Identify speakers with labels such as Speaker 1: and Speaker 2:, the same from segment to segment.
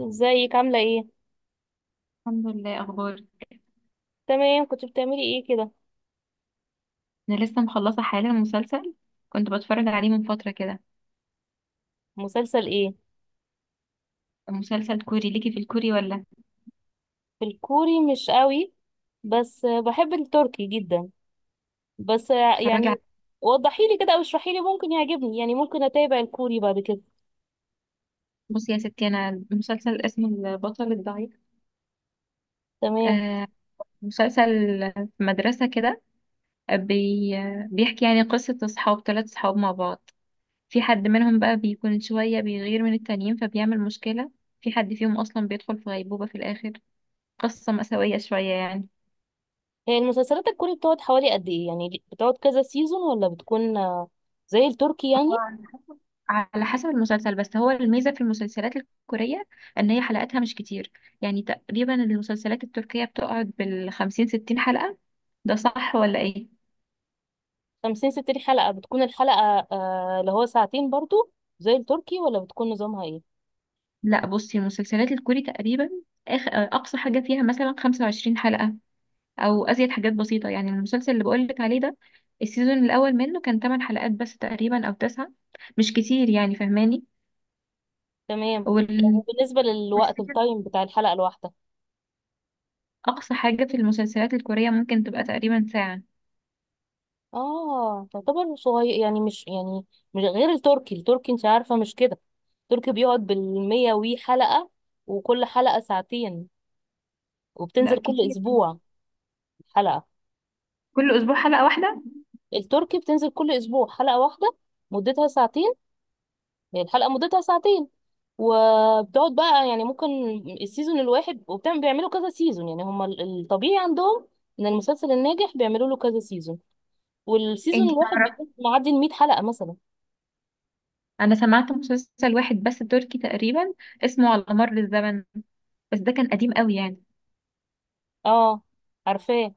Speaker 1: ازيك عاملة ايه؟
Speaker 2: الحمد لله. اخبار؟
Speaker 1: تمام، كنت بتعملي ايه كده؟
Speaker 2: انا لسه مخلصه حالا مسلسل كنت بتفرج عليه من فتره كده.
Speaker 1: مسلسل ايه؟
Speaker 2: مسلسل كوري، ليكي في الكوري ولا؟
Speaker 1: في الكوري مش قوي، بس بحب التركي جدا. بس
Speaker 2: اتفرجي
Speaker 1: يعني
Speaker 2: على...
Speaker 1: وضحيلي كده او اشرحيلي، ممكن يعجبني يعني ممكن اتابع الكوري بعد كده.
Speaker 2: بصي يا ستي، انا المسلسل اسم البطل الضعيف.
Speaker 1: تمام.
Speaker 2: آه، مسلسل في مدرسه كده، بي بيحكي يعني قصه اصحاب، 3 اصحاب مع بعض. في حد منهم بقى بيكون شويه بيغير من التانيين فبيعمل مشكله. في حد فيهم اصلا بيدخل في غيبوبه في الاخر. قصه مأساويه شويه يعني.
Speaker 1: هي المسلسلات الكوري بتقعد حوالي قد ايه؟ يعني بتقعد كذا سيزون ولا بتكون زي التركي يعني؟
Speaker 2: آه، على حسب المسلسل، بس هو الميزة في المسلسلات الكورية ان هي حلقاتها مش كتير. يعني تقريبا المسلسلات التركية بتقعد بال50 60 حلقة، ده صح ولا ايه؟
Speaker 1: 50 60 حلقة؟ بتكون الحلقة اللي هو ساعتين برضو زي التركي، ولا بتكون نظامها ايه؟
Speaker 2: لا بصي، المسلسلات الكوري تقريبا اقصى حاجة فيها مثلا 25 حلقة او ازيد حاجات بسيطة. يعني المسلسل اللي بقولك عليه ده السيزون الاول منه كان 8 حلقات بس تقريبا، او 9. مش كتير يعني، فهماني؟
Speaker 1: تمام. طب
Speaker 2: وال...
Speaker 1: وبالنسبة للوقت،
Speaker 2: والسيزون
Speaker 1: التايم بتاع الحلقة الواحدة؟
Speaker 2: اقصى حاجة في المسلسلات الكورية ممكن تبقى تقريبا ساعة.
Speaker 1: اه تعتبر صغير يعني، مش يعني مش غير التركي. التركي انت عارفة مش كده، التركي بيقعد بالمية وي حلقة، وكل حلقة ساعتين،
Speaker 2: لا
Speaker 1: وبتنزل كل
Speaker 2: كتير،
Speaker 1: أسبوع حلقة.
Speaker 2: كل اسبوع حلقة واحدة.
Speaker 1: التركي بتنزل كل أسبوع حلقة واحدة مدتها ساعتين. هي الحلقة مدتها ساعتين، وبتقعد بقى يعني ممكن السيزون الواحد، وبتعمل بيعملوا كذا سيزون. يعني هما الطبيعي عندهم ان المسلسل الناجح بيعملوا له كذا سيزون، والسيزون
Speaker 2: انت
Speaker 1: الواحد
Speaker 2: فعلا-
Speaker 1: بيكون معدي ال 100 حلقة مثلا.
Speaker 2: انا سمعت مسلسل واحد بس تركي تقريبا، اسمه على مر الزمن، بس ده كان قديم قوي يعني.
Speaker 1: اه، عارفاه.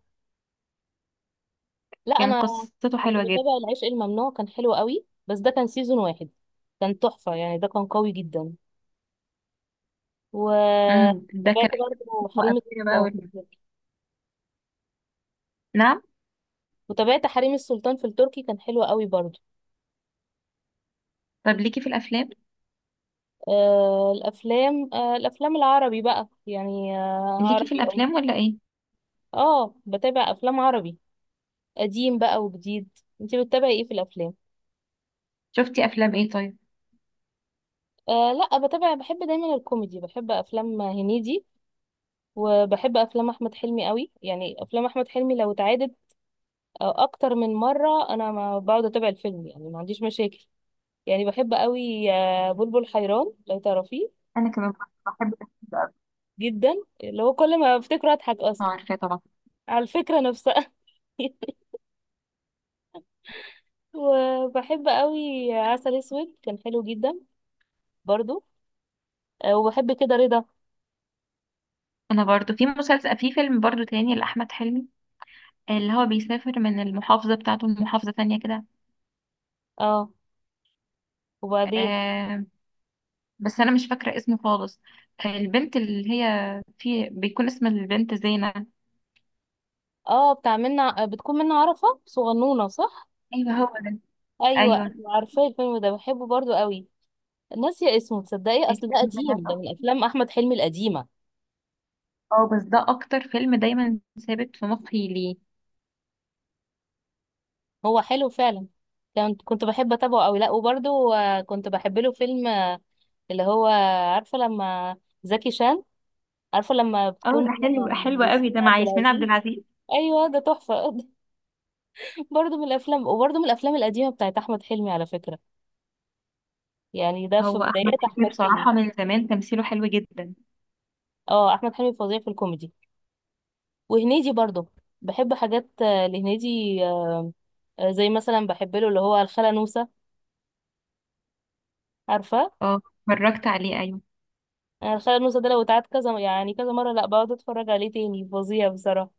Speaker 1: لا،
Speaker 2: كان
Speaker 1: انا
Speaker 2: قصته
Speaker 1: كنت
Speaker 2: حلوه جدا.
Speaker 1: بتابع العشق الممنوع، كان حلو قوي، بس ده كان سيزون واحد. كان تحفة يعني، ده كان قوي جدا.
Speaker 2: ده
Speaker 1: وتابعت
Speaker 2: كان
Speaker 1: برضه
Speaker 2: اسمه
Speaker 1: حريم
Speaker 2: قبلنا بقى،
Speaker 1: السلطان في
Speaker 2: ولا؟
Speaker 1: التركي.
Speaker 2: نعم.
Speaker 1: وتابعت حريم السلطان في التركي، كان حلو قوي برضه.
Speaker 2: طب ليكي في الافلام؟
Speaker 1: الافلام، الافلام العربي بقى يعني، آه
Speaker 2: ليكي في
Speaker 1: عربي اه.
Speaker 2: الافلام ولا ايه؟
Speaker 1: اه، بتابع افلام عربي قديم بقى وجديد. انتي بتتابعي ايه في الافلام؟
Speaker 2: شفتي افلام ايه طيب؟
Speaker 1: آه لا، بتابع، بحب دايما الكوميدي، بحب افلام هنيدي، وبحب افلام احمد حلمي قوي. يعني افلام احمد حلمي لو اتعادت او اكتر من مره، انا ما بقعد اتابع الفيلم يعني، ما عنديش مشاكل. يعني بحب قوي بلبل حيران، لو تعرفيه.
Speaker 2: انا كمان بحب الافلام، ده قوي.
Speaker 1: جدا، اللي هو كل ما افتكره اضحك
Speaker 2: اه
Speaker 1: اصلا
Speaker 2: عارفاه طبعا.
Speaker 1: على الفكره نفسها. وبحب قوي عسل اسود، كان حلو جدا برضو. وبحب كده رضا.
Speaker 2: انا برضو في مسلسل، في فيلم برضو تاني لاحمد حلمي، اللي هو بيسافر من المحافظه بتاعته لمحافظه تانية كده.
Speaker 1: اه، وبعدين؟
Speaker 2: آه، بس انا مش فاكره اسمه خالص. آه، البنت اللي هي في بيكون اسم البنت زينة.
Speaker 1: اه، بتاع منا، بتكون منا، عرفه صغنونه صح.
Speaker 2: ايوه هو ده.
Speaker 1: ايوه
Speaker 2: ايوه
Speaker 1: ايوه، عارفه الفيلم ده، بحبه برضو قوي. ناسيه اسمه تصدقي، اصل ده
Speaker 2: الفيلم ده،
Speaker 1: قديم، ده
Speaker 2: صح.
Speaker 1: من افلام احمد حلمي القديمه.
Speaker 2: اه بس ده اكتر فيلم دايما ثابت في مخي ليه.
Speaker 1: هو حلو فعلا. كنت بحب اتابعه قوي. لا وبرده كنت بحب له فيلم اللي هو، عارفه لما، زكي شان، عارفه لما
Speaker 2: اه ده
Speaker 1: بتكون
Speaker 2: حلو، حلو قوي
Speaker 1: ياسمين
Speaker 2: ده مع
Speaker 1: عبد
Speaker 2: ياسمين عبد
Speaker 1: العزيز.
Speaker 2: العزيز.
Speaker 1: ايوه ده تحفه. برضه من الافلام، وبرضه من الافلام القديمه بتاعت احمد حلمي على فكره. يعني ده في
Speaker 2: هو احمد
Speaker 1: بدايات
Speaker 2: حلمي
Speaker 1: احمد حلمي.
Speaker 2: بصراحه من زمان تمثيله حلو جدا.
Speaker 1: اه، احمد حلمي فظيع في الكوميدي، وهنيدي برضه. بحب حاجات لهنيدي. زي مثلا بحب له اللي هو الخالة نوسة، عارفه.
Speaker 2: اه اتفرجت عليه، ايوه.
Speaker 1: انا الخيال المسلسل ده لو اتعاد كذا، يعني كذا مره، لا بقعد اتفرج عليه تاني، فظيع بصراحه.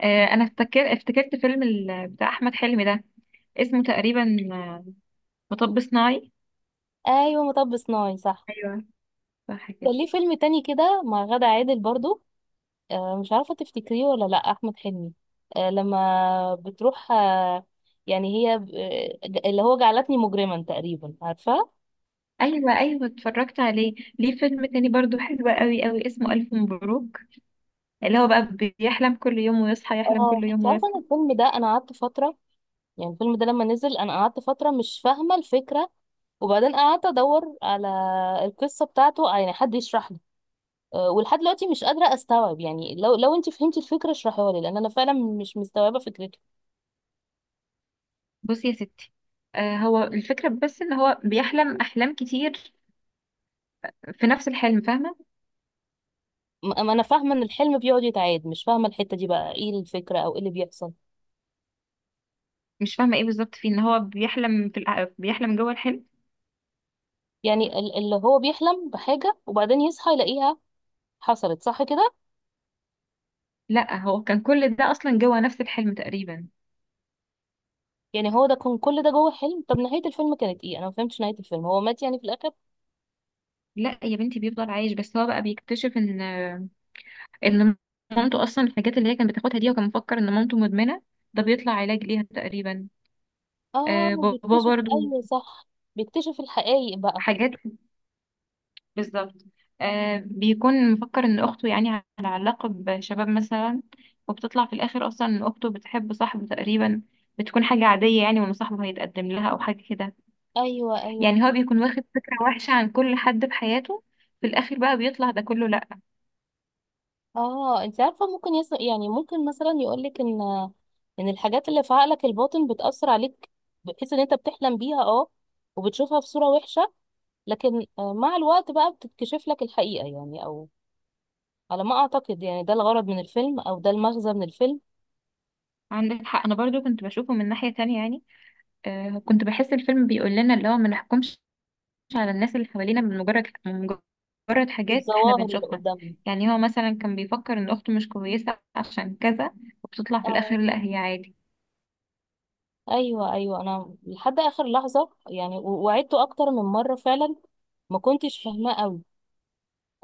Speaker 2: آه انا افتكرت فيلم بتاع احمد حلمي ده، اسمه تقريبا آه، مطب صناعي.
Speaker 1: ايوه، مطب صناعي، صح.
Speaker 2: ايوه صح كده.
Speaker 1: كان ليه فيلم تاني كده مع غادة عادل برضو، آه مش عارفه تفتكريه ولا لا، احمد حلمي، آه لما بتروح آه، يعني هي اللي هو جعلتني مجرما تقريبا، عارفه.
Speaker 2: ايوه، ايوه اتفرجت عليه. ليه فيلم تاني برضو حلو قوي قوي، اسمه الف مبروك، اللي هو بقى بيحلم كل يوم ويصحى يحلم
Speaker 1: اه،
Speaker 2: كل
Speaker 1: انت
Speaker 2: يوم.
Speaker 1: عارفه ان الفيلم ده، انا قعدت فتره، يعني الفيلم ده لما نزل انا قعدت فتره مش فاهمه الفكره، وبعدين قعدت ادور على القصه بتاعته، يعني حد يشرح لي. ولحد دلوقتي مش قادرة استوعب يعني. لو انت فهمتي الفكرة اشرحيها لي، لان انا فعلا مش مستوعبة فكرته.
Speaker 2: بصي يا ستي، آه هو الفكرة بس ان هو بيحلم احلام كتير في نفس الحلم، فاهمة؟
Speaker 1: اما انا فاهمة ان الحلم بيقعد يتعاد، مش فاهمة الحتة دي بقى ايه الفكرة، او ايه اللي بيحصل.
Speaker 2: مش فاهمة ايه بالظبط فيه، ان هو بيحلم في بيحلم جوه الحلم.
Speaker 1: يعني اللي هو بيحلم بحاجة وبعدين يصحى يلاقيها حصلت، صح كده؟
Speaker 2: لا هو كان كل ده اصلا جوه نفس الحلم تقريبا.
Speaker 1: يعني هو ده كان كل ده جوه حلم؟ طب نهاية الفيلم كانت ايه؟ انا ما فهمتش نهاية الفيلم، هو مات يعني في الاخر؟
Speaker 2: لا يا بنتي، بيفضل عايش، بس هو بقى بيكتشف ان ان مامته اصلا، الحاجات اللي هي كانت بتاخدها دي وكان مفكر ان مامته مدمنة، ده بيطلع علاج ليها تقريبا.
Speaker 1: اه
Speaker 2: آه بابا
Speaker 1: بيكتشف،
Speaker 2: برضو
Speaker 1: ايوه صح. بيكتشف الحقائق بقى.
Speaker 2: حاجات، بالظبط. آه بيكون مفكر ان اخته يعني على علاقة بشباب مثلا، وبتطلع في الاخر اصلا ان اخته بتحب صاحبه تقريبا، بتكون حاجة عادية يعني، وان صاحبه هيتقدم لها او حاجة كده.
Speaker 1: ايوه ايوه.
Speaker 2: يعني هو بيكون واخد فكرة وحشة عن كل حد في حياته، في الاخر بقى بيطلع ده كله لا.
Speaker 1: اه، انت عارفه ممكن يعني ممكن مثلا يقولك ان، ان الحاجات اللي في عقلك الباطن بتاثر عليك، بحيث ان انت بتحلم بيها اه، وبتشوفها في صوره وحشه، لكن مع الوقت بقى بتتكشف لك الحقيقه يعني، او على ما اعتقد يعني ده الغرض من الفيلم، او ده المغزى من الفيلم.
Speaker 2: عندك حق، انا برضو كنت بشوفه من ناحية تانية يعني. آه كنت بحس الفيلم بيقول لنا اللي هو ما نحكمش على الناس اللي حوالينا من مجرد حاجات احنا
Speaker 1: بالظواهر اللي
Speaker 2: بنشوفها.
Speaker 1: قدامنا.
Speaker 2: يعني هو مثلا كان بيفكر ان اخته مش كويسة عشان كذا، وبتطلع في
Speaker 1: اه،
Speaker 2: الاخر لا هي عادي.
Speaker 1: ايوه ايوه. انا لحد اخر لحظه يعني وعدته اكتر من مره فعلا، ما كنتش فاهماه قوي.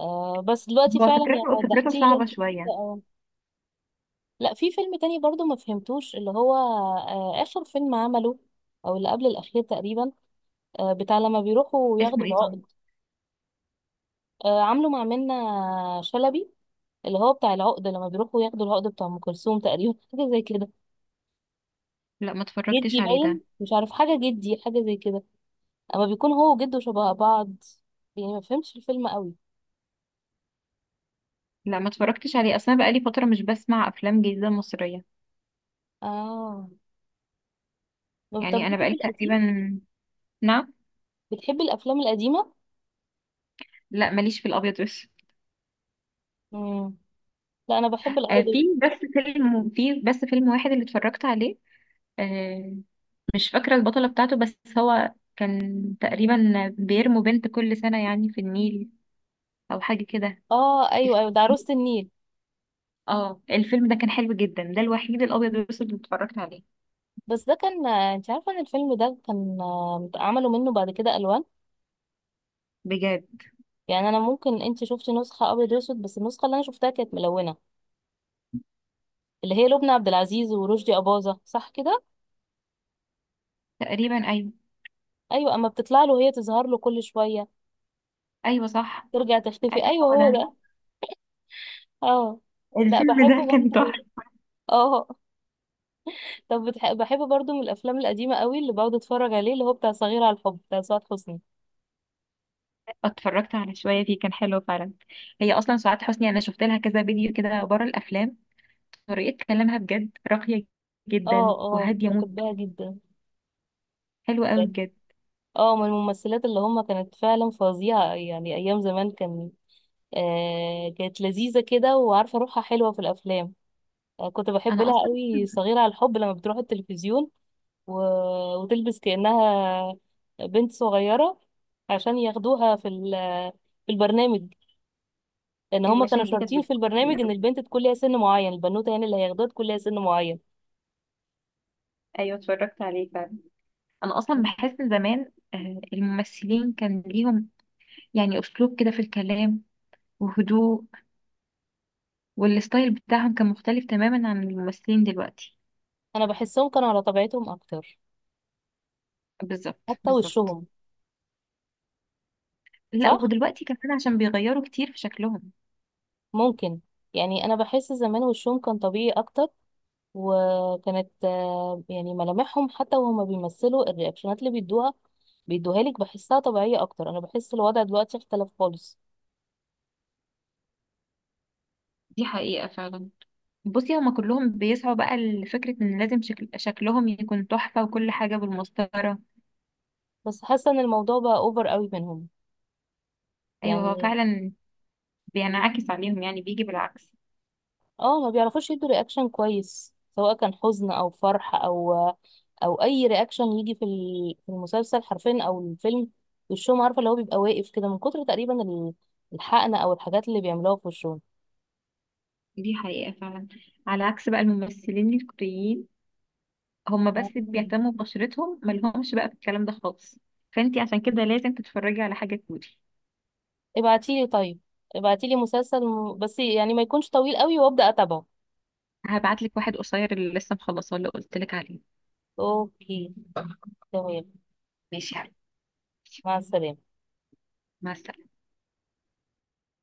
Speaker 1: آه بس دلوقتي
Speaker 2: هو
Speaker 1: فعلا يعني
Speaker 2: فكرته
Speaker 1: وضحتيه لي
Speaker 2: صعبة
Speaker 1: انت.
Speaker 2: شوية.
Speaker 1: لا، في فيلم تاني برضو ما فهمتوش، اللي هو آخر فيلم عمله، أو اللي قبل الأخير تقريبا، بتاع لما بيروحوا
Speaker 2: اسمه
Speaker 1: ياخدوا
Speaker 2: ايه طبعا؟
Speaker 1: العقد، عامله مع منة شلبي، اللي هو بتاع العقد، لما بيروحوا ياخدوا العقد بتاع أم كلثوم تقريبا. حاجة زي كده.
Speaker 2: لا ما اتفرجتش
Speaker 1: جدي
Speaker 2: عليه
Speaker 1: باين
Speaker 2: ده.
Speaker 1: مش عارف حاجة، جدي حاجة زي كده، أما بيكون هو وجده شبه بعض. يعني ما فهمتش الفيلم قوي.
Speaker 2: لا ما اتفرجتش عليه اصلا، بقالي فترة مش بسمع افلام جديدة مصرية.
Speaker 1: اه. طب
Speaker 2: يعني انا
Speaker 1: ليكي في
Speaker 2: بقالي
Speaker 1: القديم،
Speaker 2: تقريبا. نعم.
Speaker 1: بتحبي الأفلام القديمة؟
Speaker 2: لا ماليش في الابيض والاسود.
Speaker 1: مم. لا أنا بحب
Speaker 2: آه،
Speaker 1: الأبيض
Speaker 2: في
Speaker 1: والأسود.
Speaker 2: بس فيلم واحد اللي اتفرجت عليه، آه، مش فاكرة البطلة بتاعته، بس هو كان تقريبا بيرموا بنت كل سنة يعني في النيل أو حاجة كده.
Speaker 1: اه أيوه أيوه، ده
Speaker 2: تفتكري؟
Speaker 1: عروسة النيل.
Speaker 2: اه الفيلم ده كان حلو جدا، ده الوحيد الأبيض والأسود اللي اتفرجت عليه.
Speaker 1: بس ده كان، انت عارفه ان الفيلم ده كان عملوا منه بعد كده الوان.
Speaker 2: بجد.
Speaker 1: يعني انا ممكن، انت شفتي نسخه ابيض واسود، بس النسخه اللي انا شفتها كانت ملونه، اللي هي لبنى عبد العزيز ورشدي اباظه، صح كده.
Speaker 2: تقريبا أيوه.
Speaker 1: ايوه، اما بتطلع له، هي تظهر له كل شويه
Speaker 2: أيوه صح.
Speaker 1: ترجع
Speaker 2: أيوه
Speaker 1: تختفي، ايوه
Speaker 2: هو
Speaker 1: هو
Speaker 2: ده.
Speaker 1: ده. اه. لا
Speaker 2: الفيلم
Speaker 1: بحبه
Speaker 2: ده كان
Speaker 1: برضه.
Speaker 2: تحفة.
Speaker 1: اه، طب بحبه برضه من الافلام القديمه قوي اللي بقعد اتفرج عليه، اللي هو بتاع صغير على الحب بتاع سعاد حسني.
Speaker 2: اتفرجت على شوية فيه كان حلو فعلا. هي أصلا سعاد حسني، أنا شفت لها كذا فيديو كده بره الأفلام، طريقة كلامها بجد راقية
Speaker 1: اه.
Speaker 2: جدا
Speaker 1: اه،
Speaker 2: وهادية موت.
Speaker 1: بحبها جدا.
Speaker 2: حلوة أوي
Speaker 1: يعني
Speaker 2: بجد.
Speaker 1: اه، من الممثلات اللي هم كانت فعلا فظيعه يعني، ايام زمان كان كانت لذيذة كده، وعارفة روحها حلوة في الأفلام. كنت بحب
Speaker 2: أنا
Speaker 1: لها
Speaker 2: أصلا
Speaker 1: قوي صغيرة على الحب، لما بتروح التلفزيون و... وتلبس كأنها بنت صغيرة، عشان ياخدوها في في البرنامج، لأن هما كانوا
Speaker 2: المشاهد دي كانت
Speaker 1: شرطين في البرنامج إن
Speaker 2: بتضحكني.
Speaker 1: البنت تكون ليها سن معين، البنوتة يعني اللي هياخدوها تكون ليها سن معين.
Speaker 2: ايوه اتفرجت عليه فعلا. انا اصلا بحس ان زمان الممثلين كان ليهم يعني اسلوب كده في الكلام، وهدوء، والستايل بتاعهم كان مختلف تماما عن الممثلين دلوقتي.
Speaker 1: أنا بحسهم كانوا على طبيعتهم أكتر،
Speaker 2: بالظبط،
Speaker 1: حتى
Speaker 2: بالظبط.
Speaker 1: وشهم.
Speaker 2: لا
Speaker 1: صح؟
Speaker 2: ودلوقتي كمان عشان بيغيروا كتير في شكلهم.
Speaker 1: ممكن. يعني أنا بحس زمان وشهم كان طبيعي أكتر، وكانت يعني ملامحهم، حتى وهما بيمثلوا الرياكشنات اللي بيدوها لك، بحسها طبيعية أكتر. أنا بحس الوضع دلوقتي اختلف خالص.
Speaker 2: دي حقيقة فعلا. بصي هما كلهم بيسعوا بقى لفكرة ان لازم شكلهم يكون تحفة وكل حاجة بالمسطرة.
Speaker 1: بس حاسة إن الموضوع بقى أوفر قوي منهم،
Speaker 2: ايوه هو
Speaker 1: يعني.
Speaker 2: فعلا بينعكس عليهم يعني، بيجي بالعكس.
Speaker 1: اه، ما بيعرفوش يدوا رياكشن كويس سواء كان حزن أو فرح، أو أو أي رياكشن يجي في في المسلسل حرفيا أو الفيلم. وشهم عارفة، اللي هو بيبقى واقف كده من كتر تقريبا الحقنة أو الحاجات اللي بيعملوها في
Speaker 2: دي حقيقة فعلا. على عكس بقى الممثلين الكوريين، هما بس
Speaker 1: وشهم.
Speaker 2: بيهتموا ببشرتهم، مالهمش بقى في الكلام ده خالص. فانتي عشان كده لازم تتفرجي على حاجة كوري.
Speaker 1: ابعتيلي طيب، ابعتيلي مسلسل بس يعني ما يكونش طويل قوي وابدا اتابعه.
Speaker 2: هبعتلك واحد قصير اللي لسه مخلصاه اللي قلتلك عليه.
Speaker 1: اوكي، تمام.
Speaker 2: ماشي يا حبيبي.
Speaker 1: مع السلامه.
Speaker 2: مع السلامة.